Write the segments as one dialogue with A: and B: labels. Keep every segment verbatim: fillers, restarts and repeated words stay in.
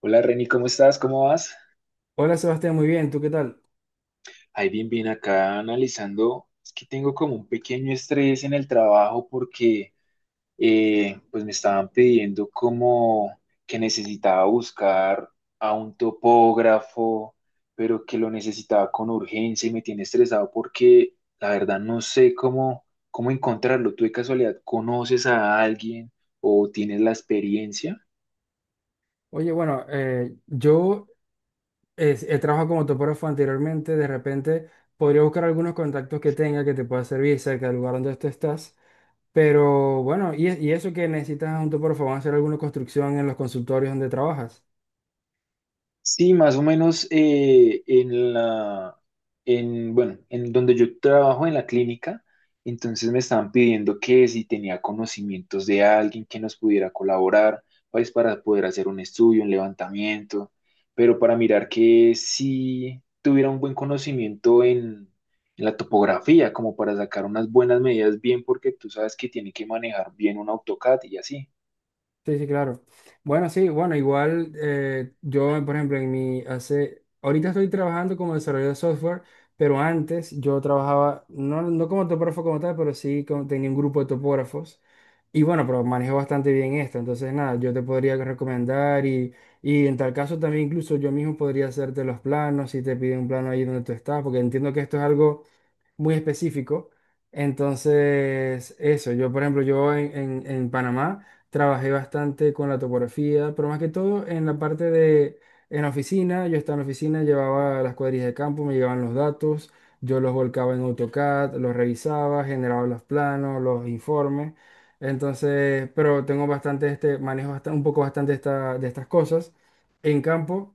A: Hola Reni, ¿cómo estás? ¿Cómo vas?
B: Hola Sebastián, muy bien, ¿tú qué tal?
A: Ahí bien, bien acá analizando. Es que tengo como un pequeño estrés en el trabajo porque eh, pues me estaban pidiendo como que necesitaba buscar a un topógrafo, pero que lo necesitaba con urgencia y me tiene estresado porque la verdad no sé cómo, cómo encontrarlo. ¿Tú de casualidad conoces a alguien o tienes la experiencia?
B: Oye, bueno, eh, yo eh, he trabajado como topógrafo anteriormente, de repente podría buscar algunos contactos que tenga que te pueda servir cerca del lugar donde tú estás, pero bueno, y, y eso que necesitas un topógrafo, ¿van a hacer alguna construcción en los consultorios donde trabajas?
A: Sí, más o menos eh, en la, en, bueno, en donde yo trabajo en la clínica, entonces me estaban pidiendo que si tenía conocimientos de alguien que nos pudiera colaborar, pues para poder hacer un estudio, un levantamiento, pero para mirar que si tuviera un buen conocimiento en, en la topografía, como para sacar unas buenas medidas bien, porque tú sabes que tiene que manejar bien un AutoCAD y así.
B: Sí, sí, claro. Bueno, sí, bueno, igual eh, yo, por ejemplo, en mi hace, ahorita estoy trabajando como desarrollador de software, pero antes yo trabajaba, no, no como topógrafo como tal, pero sí como- tenía un grupo de topógrafos. Y bueno, pero manejo bastante bien esto, entonces nada, yo te podría recomendar y, y en tal caso también incluso yo mismo podría hacerte los planos si te piden un plano ahí donde tú estás, porque entiendo que esto es algo muy específico. Entonces, eso, yo por ejemplo, yo en, en- en Panamá trabajé bastante con la topografía, pero más que todo en la parte de, en la oficina, yo estaba en la oficina, llevaba las cuadrillas de campo, me llegaban los datos, yo los volcaba en AutoCAD, los revisaba, generaba los planos, los informes. Entonces, pero tengo bastante este, manejo bastante, un poco bastante esta- de estas cosas en campo.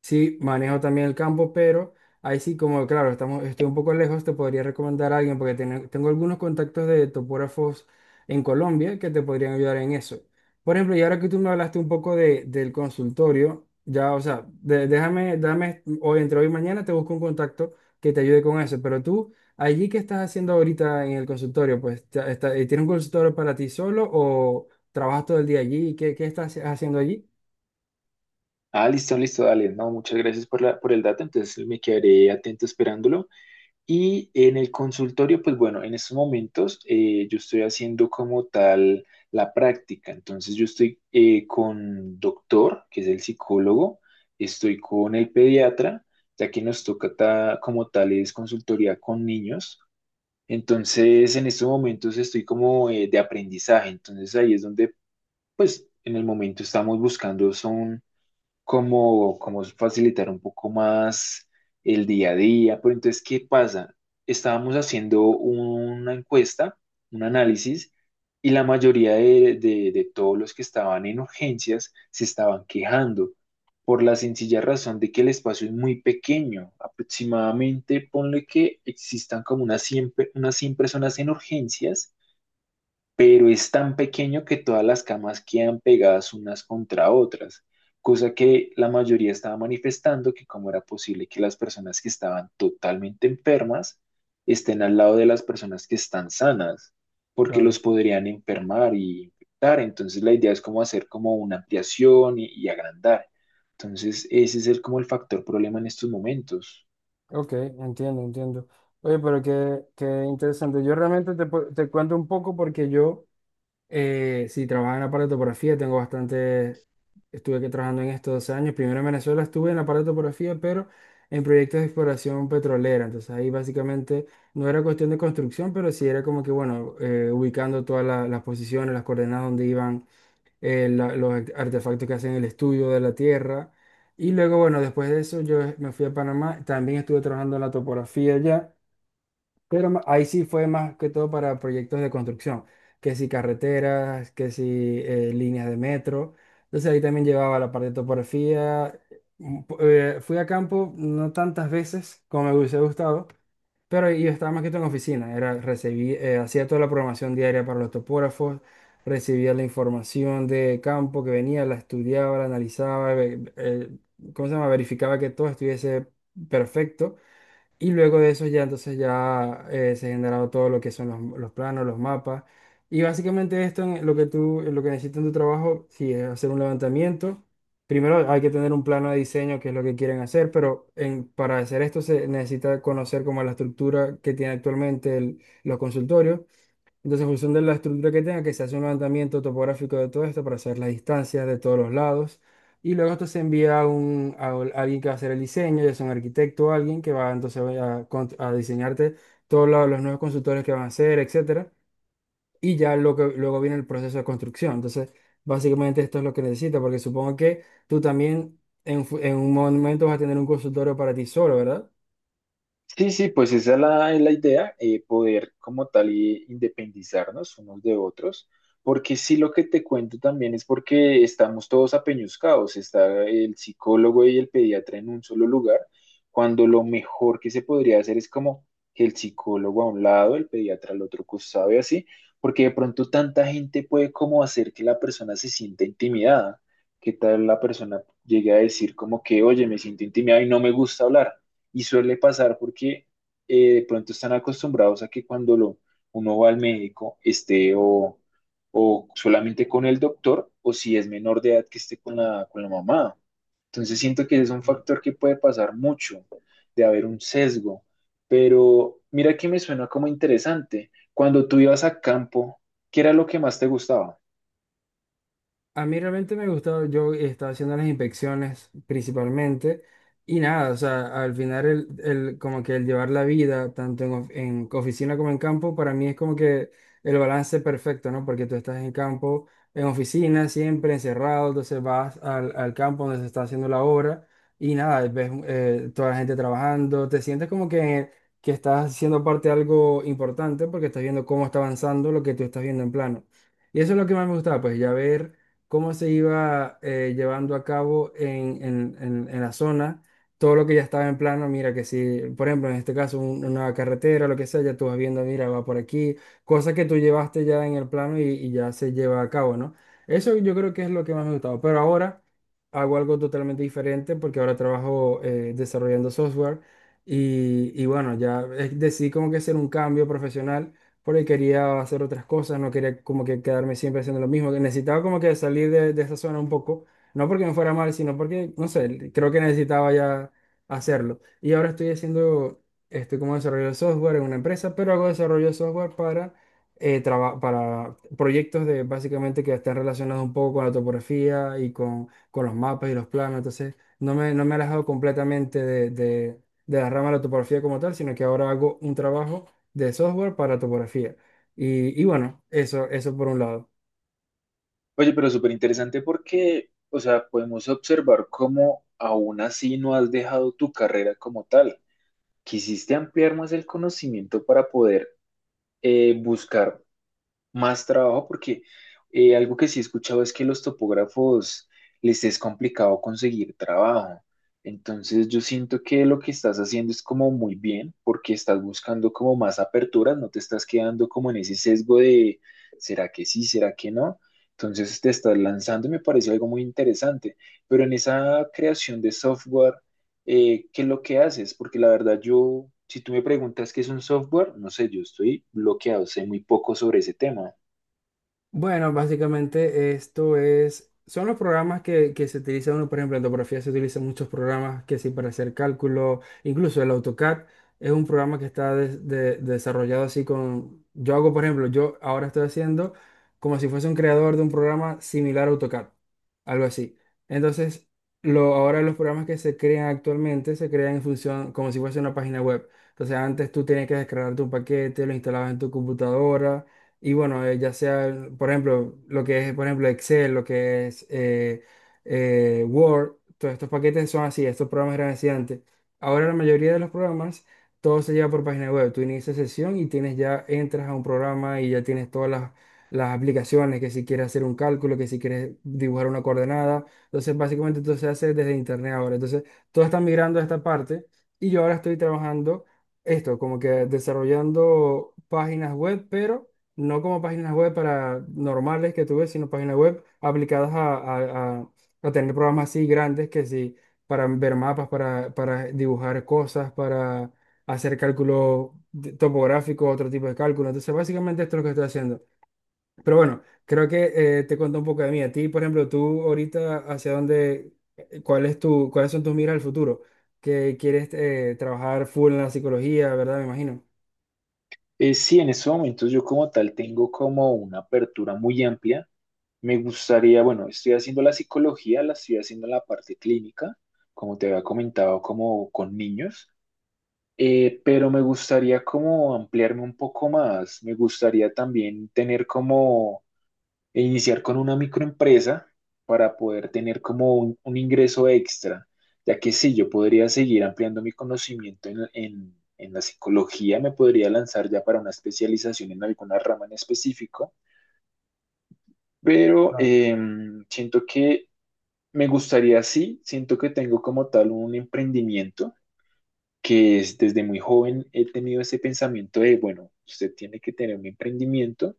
B: Sí, manejo también el campo, pero ahí sí, como claro, estamos, estoy un poco lejos, te podría recomendar a alguien porque tiene- tengo algunos contactos de topógrafos en Colombia que te podrían ayudar en eso. Por ejemplo, y ahora que tú me hablaste un poco de, del consultorio, ya, o sea, de- déjame, dame, hoy entre hoy y mañana te busco un contacto que te ayude con eso, pero tú, allí que estás haciendo ahorita en el consultorio, pues, ya está, ¿tienes un consultorio para ti solo o trabajas todo el día allí? ¿Qué, qué estás haciendo allí?
A: Ah, listo, listo, dale. No, muchas gracias por la, por el dato. Entonces me quedaré atento esperándolo. Y en el consultorio, pues bueno, en estos momentos eh, yo estoy haciendo como tal la práctica. Entonces yo estoy eh, con doctor, que es el psicólogo, estoy con el pediatra, ya que nos toca ta- como tal es consultoría con niños. Entonces en estos momentos estoy como eh, de aprendizaje. Entonces ahí es donde, pues en el momento estamos buscando son como, como facilitar un poco más el día a día. Pero entonces, ¿qué pasa? Estábamos haciendo una encuesta, un análisis, y la mayoría de, de- de todos los que estaban en urgencias se estaban quejando por la sencilla razón de que el espacio es muy pequeño. Aproximadamente, ponle que existan como unas cien pe- unas cien personas en urgencias, pero es tan pequeño que todas las camas quedan pegadas unas contra otras, cosa que la mayoría estaba manifestando que cómo era posible que las personas que estaban totalmente enfermas estén al lado de las personas que están sanas, porque los
B: Claro.
A: podrían enfermar y infectar. Entonces la idea es como hacer como una ampliación y, y agrandar. Entonces ese es el, como el factor problema en estos momentos.
B: Ok, entiendo, entiendo. Oye, pero qué, qué interesante. Yo realmente te, pu- te cuento un poco porque yo, eh, sí, trabajaba en la parte de aparatografía, tengo bastante, estuve aquí trabajando en estos dos años. Primero en Venezuela estuve en la parte de aparatografía, pero en proyectos de exploración petrolera. Entonces ahí básicamente no era cuestión de construcción, pero sí era como que, bueno, eh, ubicando todas la- las posiciones, las coordenadas donde iban eh, la- los art- artefactos que hacen el estudio de la Tierra. Y luego, bueno, después de eso yo me fui a Panamá, también estuve trabajando en la topografía allá, pero ma- ahí sí fue más que todo para proyectos de construcción, que si carreteras, que si eh, líneas de metro. Entonces ahí también llevaba la parte de topografía. Un po- eh, fui a campo no tantas veces como me hubiese gustado, pero yo estaba más que todo en oficina, era, recibí, eh, hacía toda la programación diaria para los topógrafos, recibía la información de campo que venía, la estudiaba, la analizaba, ve- eh, ¿cómo se llama? Verificaba que todo estuviese perfecto y luego de eso ya entonces ya eh, se ha generado todo lo que son los, los planos, los mapas. Y básicamente esto en lo que tú, en lo que necesitas en tu trabajo, si es hacer un levantamiento, primero hay que tener un plano de diseño, que es lo que quieren hacer, pero en- para hacer esto se necesita conocer como la estructura que tiene actualmente el- los consultorios entonces, en función de la estructura que tenga, que se hace un levantamiento topográfico de todo esto para saber las distancias de todos los lados. Y luego esto se envía a, un, a ol- alguien que va a hacer el diseño, ya sea un arquitecto o alguien que va entonces a, con- a diseñarte todos los, los nuevos consultores que van a hacer, etcétera. Y ya lo que, luego viene el proceso de construcción. Entonces, básicamente esto es lo que necesitas, porque supongo que tú también en, fu- en un momento vas a tener un consultorio para ti solo, ¿verdad?
A: Sí, sí, pues esa es la, es la idea, eh, poder como tal eh, independizarnos unos de otros, porque sí lo que te cuento también es porque estamos todos apeñuscados, está el psicólogo y el pediatra en un solo lugar, cuando lo mejor que se podría hacer es como que el psicólogo a un lado, el pediatra al otro, costado y así, porque de pronto tanta gente puede como hacer que la persona se sienta intimidada, que tal la persona llegue a decir como que, oye, me siento intimidada y no me gusta hablar. Y suele pasar porque eh, de pronto están acostumbrados a que cuando lo, uno va al médico esté o, o solamente con el doctor o si es menor de edad que esté con la, con la mamá. Entonces siento que es un factor que puede pasar mucho, de haber un sesgo. Pero mira que me suena como interesante. Cuando tú ibas a campo, ¿qué era lo que más te gustaba?
B: A mí realmente me gustaba, yo estaba haciendo las inspecciones principalmente y nada, o sea, al final el, el- como que el llevar la vida tanto en, of- en oficina como en campo, para mí es como que el balance perfecto, ¿no? Porque tú estás en campo, en oficina, siempre encerrado, entonces vas al, al campo donde se está haciendo la obra y nada, ves eh, toda la gente trabajando, te sientes como que, que estás siendo parte de algo importante porque estás viendo cómo está avanzando lo que tú estás viendo en plano. Y eso es lo que más me gustaba, pues ya ver cómo se iba eh, llevando a cabo en, en- en- en la zona, todo lo que ya estaba en plano, mira que si, por ejemplo, en este caso, un- una carretera, lo que sea, ya tú vas viendo, mira, va por aquí, cosas que tú llevaste ya en el plano y, y ya se lleva a cabo, ¿no? Eso yo creo que es lo que más me gustaba, pero ahora hago algo totalmente diferente porque ahora trabajo eh, desarrollando software y, y bueno, ya eh, decidí como que hacer un cambio profesional por ahí quería hacer otras cosas, no quería como que quedarme siempre haciendo lo mismo, que necesitaba como que salir de, de esa zona un poco, no porque me fuera mal, sino porque, no sé, creo que necesitaba ya hacerlo. Y ahora estoy haciendo, estoy como desarrollo de software en una empresa, pero hago desarrollo de software para, eh, traba- para proyectos de básicamente que están relacionados un poco con la topografía y con, con los mapas y los planos, entonces no me, no me he alejado completamente de, de de la rama de la topografía como tal, sino que ahora hago un trabajo de software para topografía. Y, y bueno, eso, eso por un lado.
A: Oye, pero súper interesante porque, o sea, podemos observar cómo aún así no has dejado tu carrera como tal, quisiste ampliar más el conocimiento para poder eh, buscar más trabajo, porque eh, algo que sí he escuchado es que los topógrafos les es complicado conseguir trabajo. Entonces yo siento que lo que estás haciendo es como muy bien, porque estás buscando como más aperturas, no te estás quedando como en ese sesgo de ¿Será que sí? ¿Será que no? Entonces te estás lanzando y me parece algo muy interesante. Pero en esa creación de software, eh, qué es lo que haces, porque la verdad yo, si tú me preguntas qué es un software, no sé, yo estoy bloqueado, sé muy poco sobre ese tema.
B: Bueno, básicamente esto es, son los programas que, que se utilizan, uno, por ejemplo, en topografía se utilizan muchos programas que sí para hacer cálculo, incluso el AutoCAD es un programa que está de- de- desarrollado así con, yo hago, por ejemplo, yo ahora estoy haciendo como si fuese un creador de un programa similar a AutoCAD, algo así. Entonces, lo, ahora los programas que se crean actualmente se crean en función como si fuese una página web. Entonces, antes tú tenías que descargarte un paquete, lo instalabas en tu computadora y bueno, eh, ya sea, por ejemplo, lo que es, por ejemplo, Excel, lo que es eh, eh, Word, todos estos paquetes son así, estos programas eran así antes. Ahora la mayoría de los programas, todo se lleva por página web. Tú inicias sesión y tienes ya, entras a un programa y ya tienes todas las, las aplicaciones, que si quieres hacer un cálculo, que si quieres dibujar una coordenada. Entonces, básicamente todo se hace desde internet ahora. Entonces, todo está migrando a esta parte y yo ahora estoy trabajando esto, como que desarrollando páginas web, pero no como páginas web para normales que tú ves, sino páginas web aplicadas a, a- a- a tener programas así grandes que sí, para ver mapas, para, para dibujar cosas, para hacer cálculos de- topográficos, otro tipo de cálculo. Entonces, básicamente esto es lo que estoy haciendo. Pero bueno, creo que eh, te cuento un poco de mí. A ti, por ejemplo, tú ahorita, ¿hacia dónde, eh, cuál es tu, cuáles son tus miras al futuro? Que quieres eh, trabajar full en la psicología, ¿verdad? Me imagino.
A: Eh, sí, en estos momentos yo como tal tengo como una apertura muy amplia. Me gustaría, bueno, estoy haciendo la psicología, la estoy haciendo en la parte clínica, como te había comentado, como con niños, eh, pero me gustaría como ampliarme un poco más. Me gustaría también tener como e iniciar con una microempresa para poder tener como un, un ingreso extra, ya que sí, yo podría seguir ampliando mi conocimiento en, en- en la psicología, me podría lanzar ya para una especialización en alguna rama en específico, pero em, siento que me gustaría, sí, siento que tengo como tal un emprendimiento que es desde muy joven he tenido ese pensamiento de, bueno, usted tiene que tener un emprendimiento.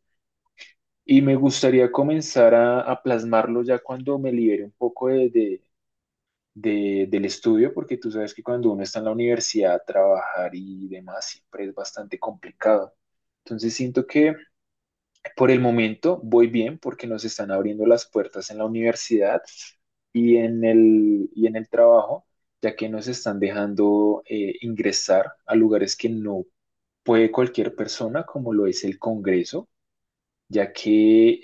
A: Y me gustaría comenzar a, a plasmarlo ya cuando me libere un poco de, de- de- del estudio, porque tú sabes que cuando uno está en la universidad, trabajar y demás siempre es bastante complicado. Entonces siento que por el momento voy bien porque nos están abriendo las puertas en la universidad y en el, y en el trabajo, ya que nos están dejando eh, ingresar a lugares que no puede cualquier persona, como lo es el Congreso ya que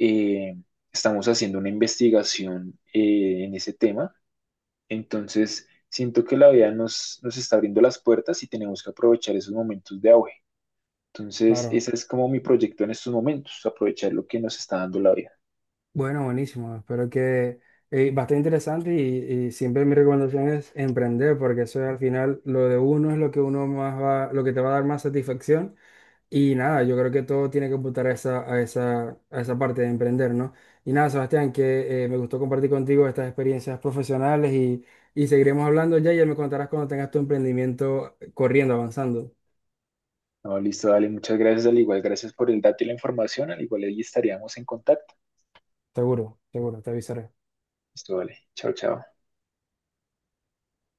A: eh, estamos haciendo una investigación eh, en ese tema. Entonces, siento que la vida nos, nos está abriendo las puertas y tenemos que aprovechar esos momentos de auge. Entonces,
B: Claro.
A: ese es como mi proyecto en estos momentos, aprovechar lo que nos está dando la vida.
B: Bueno, buenísimo. Espero que eh, bastante interesante y, y siempre mi recomendación es emprender porque eso es al final lo de uno es lo que uno más va, lo que te va a dar más satisfacción y nada, yo creo que todo tiene que apuntar a esa, a esa, a esa parte de emprender, ¿no? Y nada, Sebastián, que eh, me gustó compartir contigo estas experiencias profesionales y, y seguiremos hablando ya y ya me contarás cuando tengas tu emprendimiento corriendo, avanzando.
A: No, listo, dale, muchas gracias, al igual, gracias por el dato y la información, al igual ahí estaríamos en contacto.
B: Seguro, seguro, te avisaré.
A: Listo, vale, chao, chao.